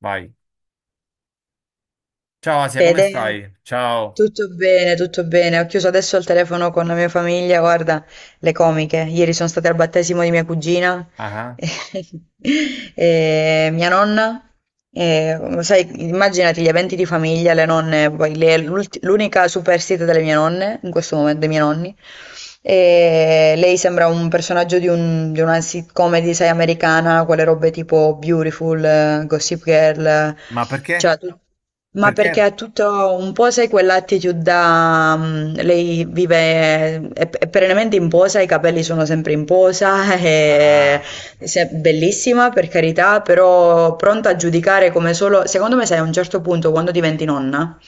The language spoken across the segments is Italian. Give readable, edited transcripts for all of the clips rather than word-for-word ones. Vai. Ciao Asia, come Fede, stai? Ciao. tutto bene, tutto bene. Ho chiuso adesso il telefono con la mia famiglia, guarda, le comiche. Ieri sono state al battesimo di mia cugina Ah, e mia nonna. E, sai, immaginati gli eventi di famiglia, le nonne, poi l'unica superstite delle mie nonne, in questo momento dei miei nonni. E lei sembra un personaggio di, di una sitcom, sai, americana, quelle robe tipo Beautiful, Gossip Girl, ma perché? cioè tu- ma perché Perché? è tutto un po', sai, quell'attitude da... lei vive, è perennemente in posa, i capelli sono sempre in posa, Ah. è, Ah, se- bellissima per carità, però pronta a giudicare come solo... Secondo me, sai, a un certo punto, quando diventi nonna,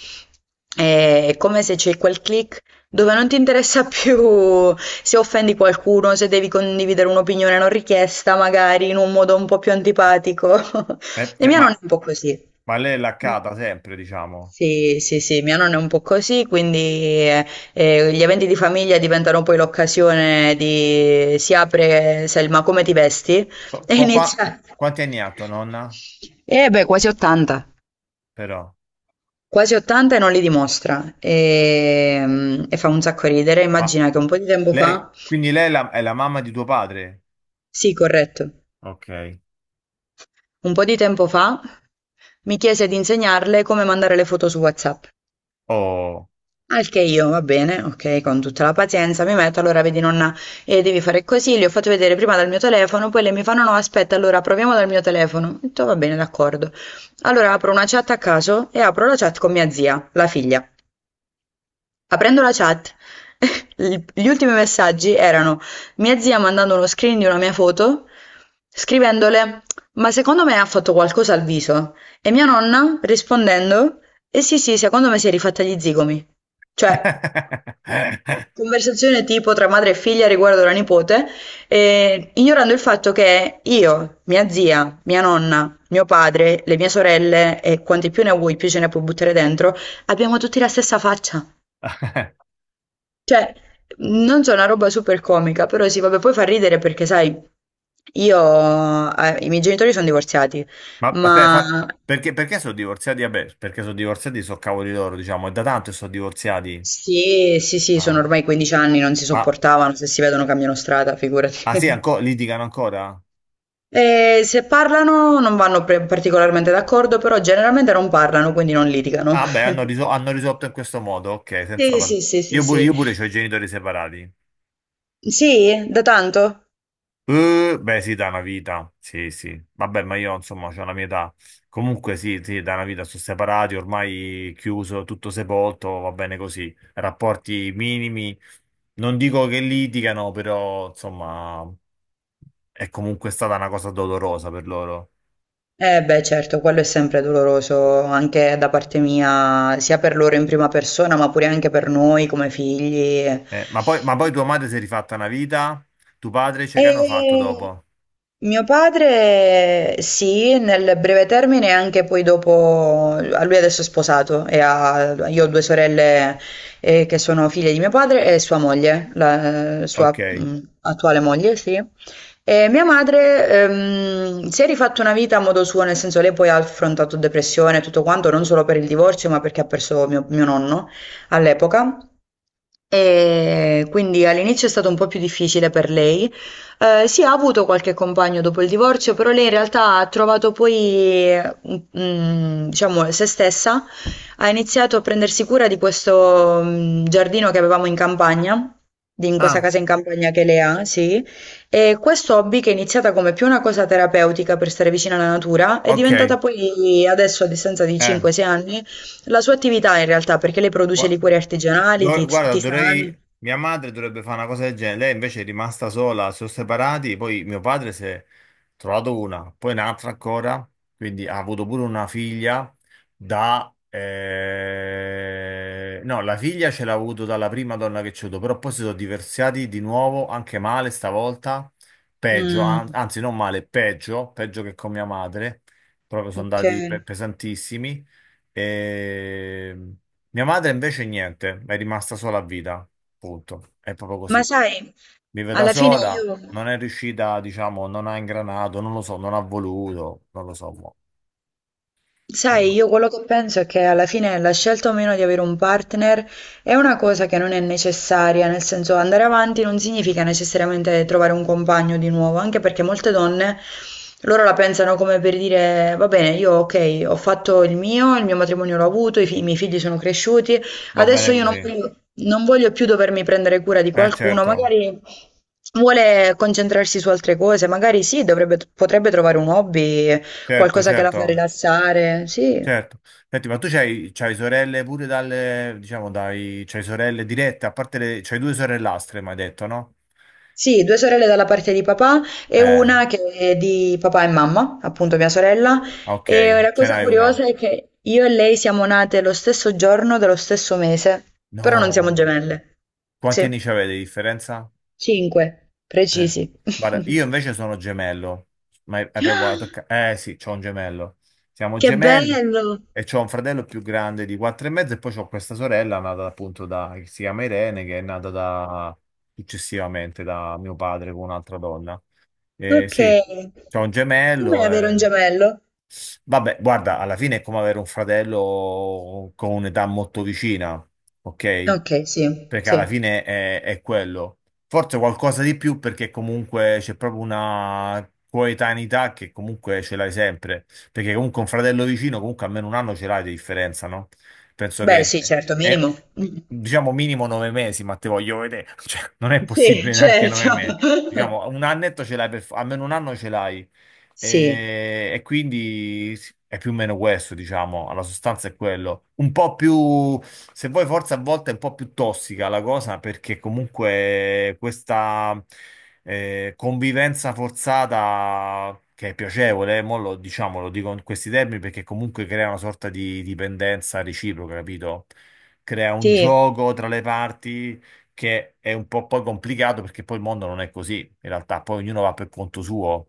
è come se c'è quel click dove non ti interessa più se offendi qualcuno, se devi condividere un'opinione non richiesta, magari in un modo un po' più antipatico. eh, E cioè, mia nonna è un po' così. ma lei è Mm. laccata sempre, diciamo. Sì, sì, sì, mia nonna è un po' così, quindi gli eventi di famiglia diventano poi l'occasione di si apre Selma, come ti vesti? Qua, E qua- qua- inizia. quanti anni ha tua nonna? Eh beh, quasi 80. Però. Quasi 80 e non li dimostra. E, e fa un sacco ridere. Ma Immagina che un po' di tempo lei, fa, quindi lei è la mamma di tuo padre? sì, corretto, Ok. un po' di tempo fa mi chiese di insegnarle come mandare le foto su WhatsApp. Oh. Al che io, va bene, ok, con tutta la pazienza, mi metto, allora vedi nonna, devi fare così, le ho fatto vedere prima dal mio telefono, poi lei mi fa no no aspetta, allora proviamo dal mio telefono. Ho detto va bene, d'accordo. Allora apro una chat a caso e apro la chat con mia zia, la figlia. Aprendo la chat, gli ultimi messaggi erano mia zia mandando uno screen di una mia foto, scrivendole ma secondo me ha fatto qualcosa al viso e mia nonna rispondendo eh sì sì, secondo me si è rifatta gli zigomi. Cioè... Conversazione tipo tra madre e figlia riguardo la nipote, ignorando il fatto che io, mia zia, mia nonna, mio padre, le mie sorelle e quanti più ne vuoi, più ce ne puoi buttare dentro, abbiamo tutti la stessa faccia. Cioè, non so, una roba super comica, però sì, vabbè, poi fa ridere perché, sai, io, i miei genitori sono divorziati, Ma aspetta, ma perché, perché sono divorziati? Vabbè, perché sono divorziati, sono cavoli loro, diciamo. È da tanto che sono divorziati. sì, sì, sì, sono Ah, ormai 15 anni, non si ma sopportavano, se si vedono cambiano strada, figurati. ah, sì, litigano ancora? Se parlano non vanno pre particolarmente d'accordo, però generalmente non parlano, quindi non litigano. Ah, beh, hanno, hanno risolto in questo modo, ok, senza Sì, parlare. sì, sì, sì, Io pure, sì. io pure ho i genitori separati. Sì? Da tanto? Beh, sì, da una vita, sì, sì. Vabbè, ma io, insomma, ho la mia età. Comunque, sì, sì, da una vita sono separati, ormai chiuso, tutto sepolto, va bene così. Rapporti minimi, non dico che litigano, però, insomma, è comunque stata una cosa dolorosa per loro. Eh beh, certo, quello è sempre doloroso anche da parte mia, sia per loro in prima persona, ma pure anche per noi come figli. Ma poi tua madre si è rifatta una vita, tuo padre, cioè, che hanno fatto E dopo? mio padre sì, nel breve termine e anche poi dopo, a lui adesso è sposato e io ho due sorelle che sono figlie di mio padre e sua moglie, la Ok. sua attuale moglie, sì. E mia madre si è rifatta una vita a modo suo, nel senso lei poi ha affrontato depressione e tutto quanto, non solo per il divorzio, ma perché ha perso mio nonno all'epoca. E quindi all'inizio è stato un po' più difficile per lei. Sì, ha avuto qualche compagno dopo il divorzio, però lei in realtà ha trovato poi, diciamo, se stessa. Ha iniziato a prendersi cura di questo, giardino che avevamo in campagna, in questa Ah, casa in campagna che lei ha, sì. E questo hobby, che è iniziata come più una cosa terapeutica per stare vicina alla natura, è diventata ok. poi adesso, a distanza di Eh, 5-6 anni, la sua attività in realtà, perché lei produce gua- liquori artigianali, guarda, tisane. dovrei. Mia madre dovrebbe fare una cosa del genere, lei invece è rimasta sola, si sono separati, poi mio padre si è trovato una, poi un'altra ancora, quindi ha avuto pure una figlia da no, la figlia ce l'ha avuto dalla prima donna che c'è avuto, però poi si sono divorziati di nuovo, anche male stavolta, peggio, Mm, anzi non male, peggio, peggio che con mia madre, proprio sono ok. andati pesantissimi. E mia madre invece niente, è rimasta sola a vita, punto. È proprio Ma così. sai, Vive da alla fine sola, io... non è riuscita, diciamo, non ha ingranato, non lo so, non ha voluto, non lo so. Mo. Eh, Sai, io quello che penso è che alla fine la scelta o meno di avere un partner è una cosa che non è necessaria, nel senso andare avanti non significa necessariamente trovare un compagno di nuovo, anche perché molte donne loro la pensano come per dire, va bene, io ok, ho fatto il mio matrimonio l'ho avuto, i miei figli sono cresciuti, va adesso bene io non così. voglio, non voglio più dovermi prendere cura di Eh qualcuno, certo, magari vuole concentrarsi su altre cose, magari sì, potrebbe trovare un hobby. certo, Qualcosa che la fa certo, rilassare, sì. certo. Senti, ma tu c'hai, c'hai sorelle pure dalle, diciamo, dai, c'hai sorelle dirette, a parte le, c'hai due sorellastre, mi hai detto, no? Sì, due sorelle dalla parte di papà e Eh, una che è di papà e mamma, appunto mia sorella. ok, E la ce cosa n'hai una. curiosa è che io e lei siamo nate lo stesso giorno dello stesso mese, però non No. siamo gemelle. Quanti Sì, anni ci avete di differenza? cinque, Eh. precisi. Guarda, io invece sono gemello, ma hai proprio toccato. Eh sì, c'ho un gemello. Siamo Che gemelli bello! e c'ho un fratello più grande di quattro e mezzo e poi c'ho questa sorella nata appunto da che si chiama Irene, che è nata da successivamente da mio padre con un'altra donna. Eh Ok. sì, c'ho un Come gemello avere un e. gemello? Vabbè, guarda, alla fine è come avere un fratello con un'età molto vicina, ok? Ok, sì, Perché sì. alla fine è quello. Forse qualcosa di più perché comunque c'è proprio una coetaneità che comunque ce l'hai sempre, perché comunque un fratello vicino comunque almeno un anno ce l'hai di differenza, no? Penso Beh, sì, che certo, è, minimo. diciamo minimo 9 mesi, ma te voglio vedere, cioè non è Sì, possibile neanche certo. 9 mesi. Diciamo un annetto ce l'hai per, almeno un anno ce l'hai. Sì, E quindi è più o meno questo, diciamo, alla sostanza è quello. Un po' più, se vuoi, forse a volte è un po' più tossica la cosa, perché comunque questa convivenza forzata, che è piacevole, mo lo, diciamo, lo dico in questi termini, perché comunque crea una sorta di dipendenza reciproca, capito? Crea un sì, gioco tra le parti che è un po' poi complicato perché poi il mondo non è così, in realtà, poi ognuno va per conto suo.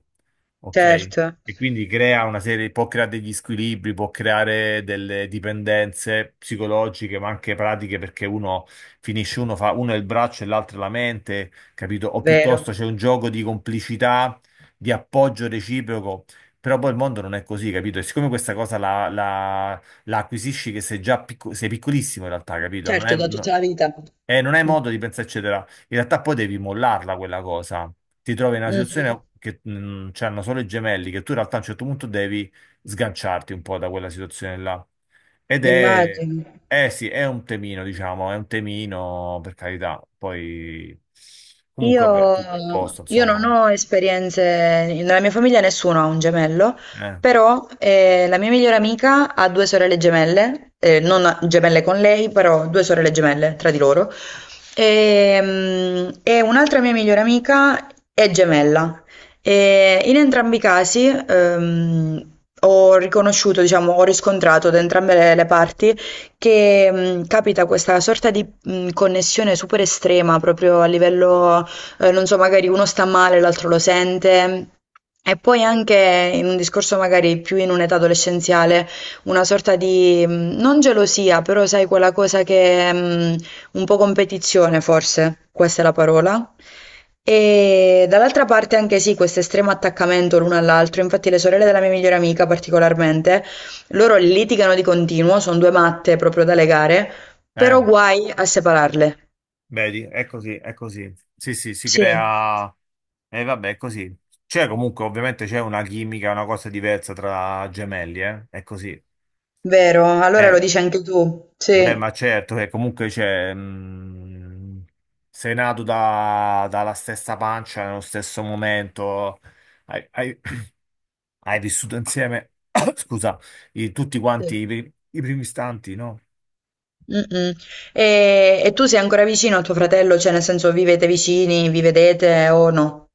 Ok, certo, e quindi crea una serie, può creare degli squilibri, può creare delle dipendenze psicologiche, ma anche pratiche, perché uno finisce, uno fa, uno è il braccio e l'altro è la mente, capito? O piuttosto vero. c'è un gioco di complicità, di appoggio reciproco, però poi il mondo non è così, capito? E siccome questa cosa la acquisisci che sei già sei piccolissimo in realtà, capito? Non è, Certo, da tutta la vita. Non hai Mh. modo di pensarci in realtà poi devi mollarla quella cosa. Ti trovi in una Mh-mh. situazione che c'hanno solo i gemelli, che tu in realtà a un certo punto devi sganciarti un po' da quella situazione là. Ed è, Immagino. eh sì, è un temino, diciamo, è un temino, per carità. Poi, comunque, vabbè, Io, tutto a posto, io non insomma. ho esperienze, nella mia famiglia nessuno ha un gemello, Eh, però la mia migliore amica ha due sorelle gemelle, non ha- gemelle con lei, però due sorelle gemelle tra di loro, e, e un'altra mia migliore amica è gemella. E in entrambi i casi ho riconosciuto, diciamo, ho riscontrato da entrambe le parti che capita questa sorta di connessione super estrema proprio a livello non so, magari uno sta male, l'altro lo sente. E poi anche in un discorso magari più in un'età adolescenziale, una sorta di, non gelosia, però sai quella cosa che, un po' competizione forse, questa è la parola. E dall'altra parte anche sì, questo estremo attaccamento l'uno all'altro, infatti le sorelle della mia migliore amica particolarmente, loro litigano di continuo, sono due matte proprio da legare, però eh, guai a separarle. vedi, è così, è così. Sì, sì, si Sì. crea. E vabbè, è così. C'è comunque, ovviamente, c'è una chimica, una cosa diversa tra gemelli, eh? È così. Vero? Allora lo Eh, dici anche tu. Beh, Sì. ma certo che comunque c'è, sei nato dalla stessa pancia, nello stesso momento, hai, hai- hai vissuto insieme, scusa, tutti Sì. quanti i, i primi istanti, no? Mm-mm. E tu sei ancora vicino a tuo fratello? Cioè, nel senso, vivete vicini, vi vedete o no?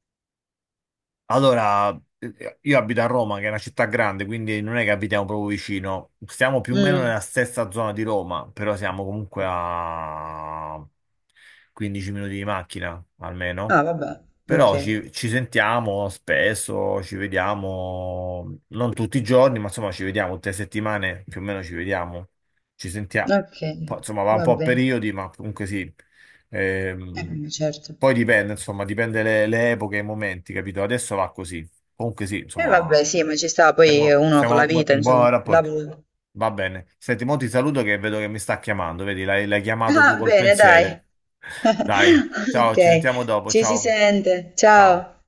Allora, io abito a Roma, che è una città grande, quindi non è che abitiamo proprio vicino, stiamo più o meno Mm. nella stessa zona di Roma, però siamo comunque a 15 minuti di macchina, almeno. Ah, vabbè. Però Ok. ci sentiamo spesso, ci vediamo, non tutti i giorni, ma insomma ci vediamo tutte le settimane, più o meno ci vediamo, ci sentiamo. Ok. Insomma, va un po' a Vabbè. periodi, ma comunque sì. Ehm, Vabbè, certo. poi dipende, insomma, dipende le epoche e i momenti, capito? Adesso va così. Comunque sì, E vabbè, insomma, sì, ma ci sta poi siamo, uno con la siamo vita, in insomma. buon rapporto. Lavoro. Va bene. Senti, mo ti saluto che vedo che mi sta chiamando, vedi, l'hai chiamato tu Ah, col bene, dai. pensiero. Dai. Ciao, Ok. ci sentiamo dopo. Ci si Ciao. sente. Ciao. Ciao.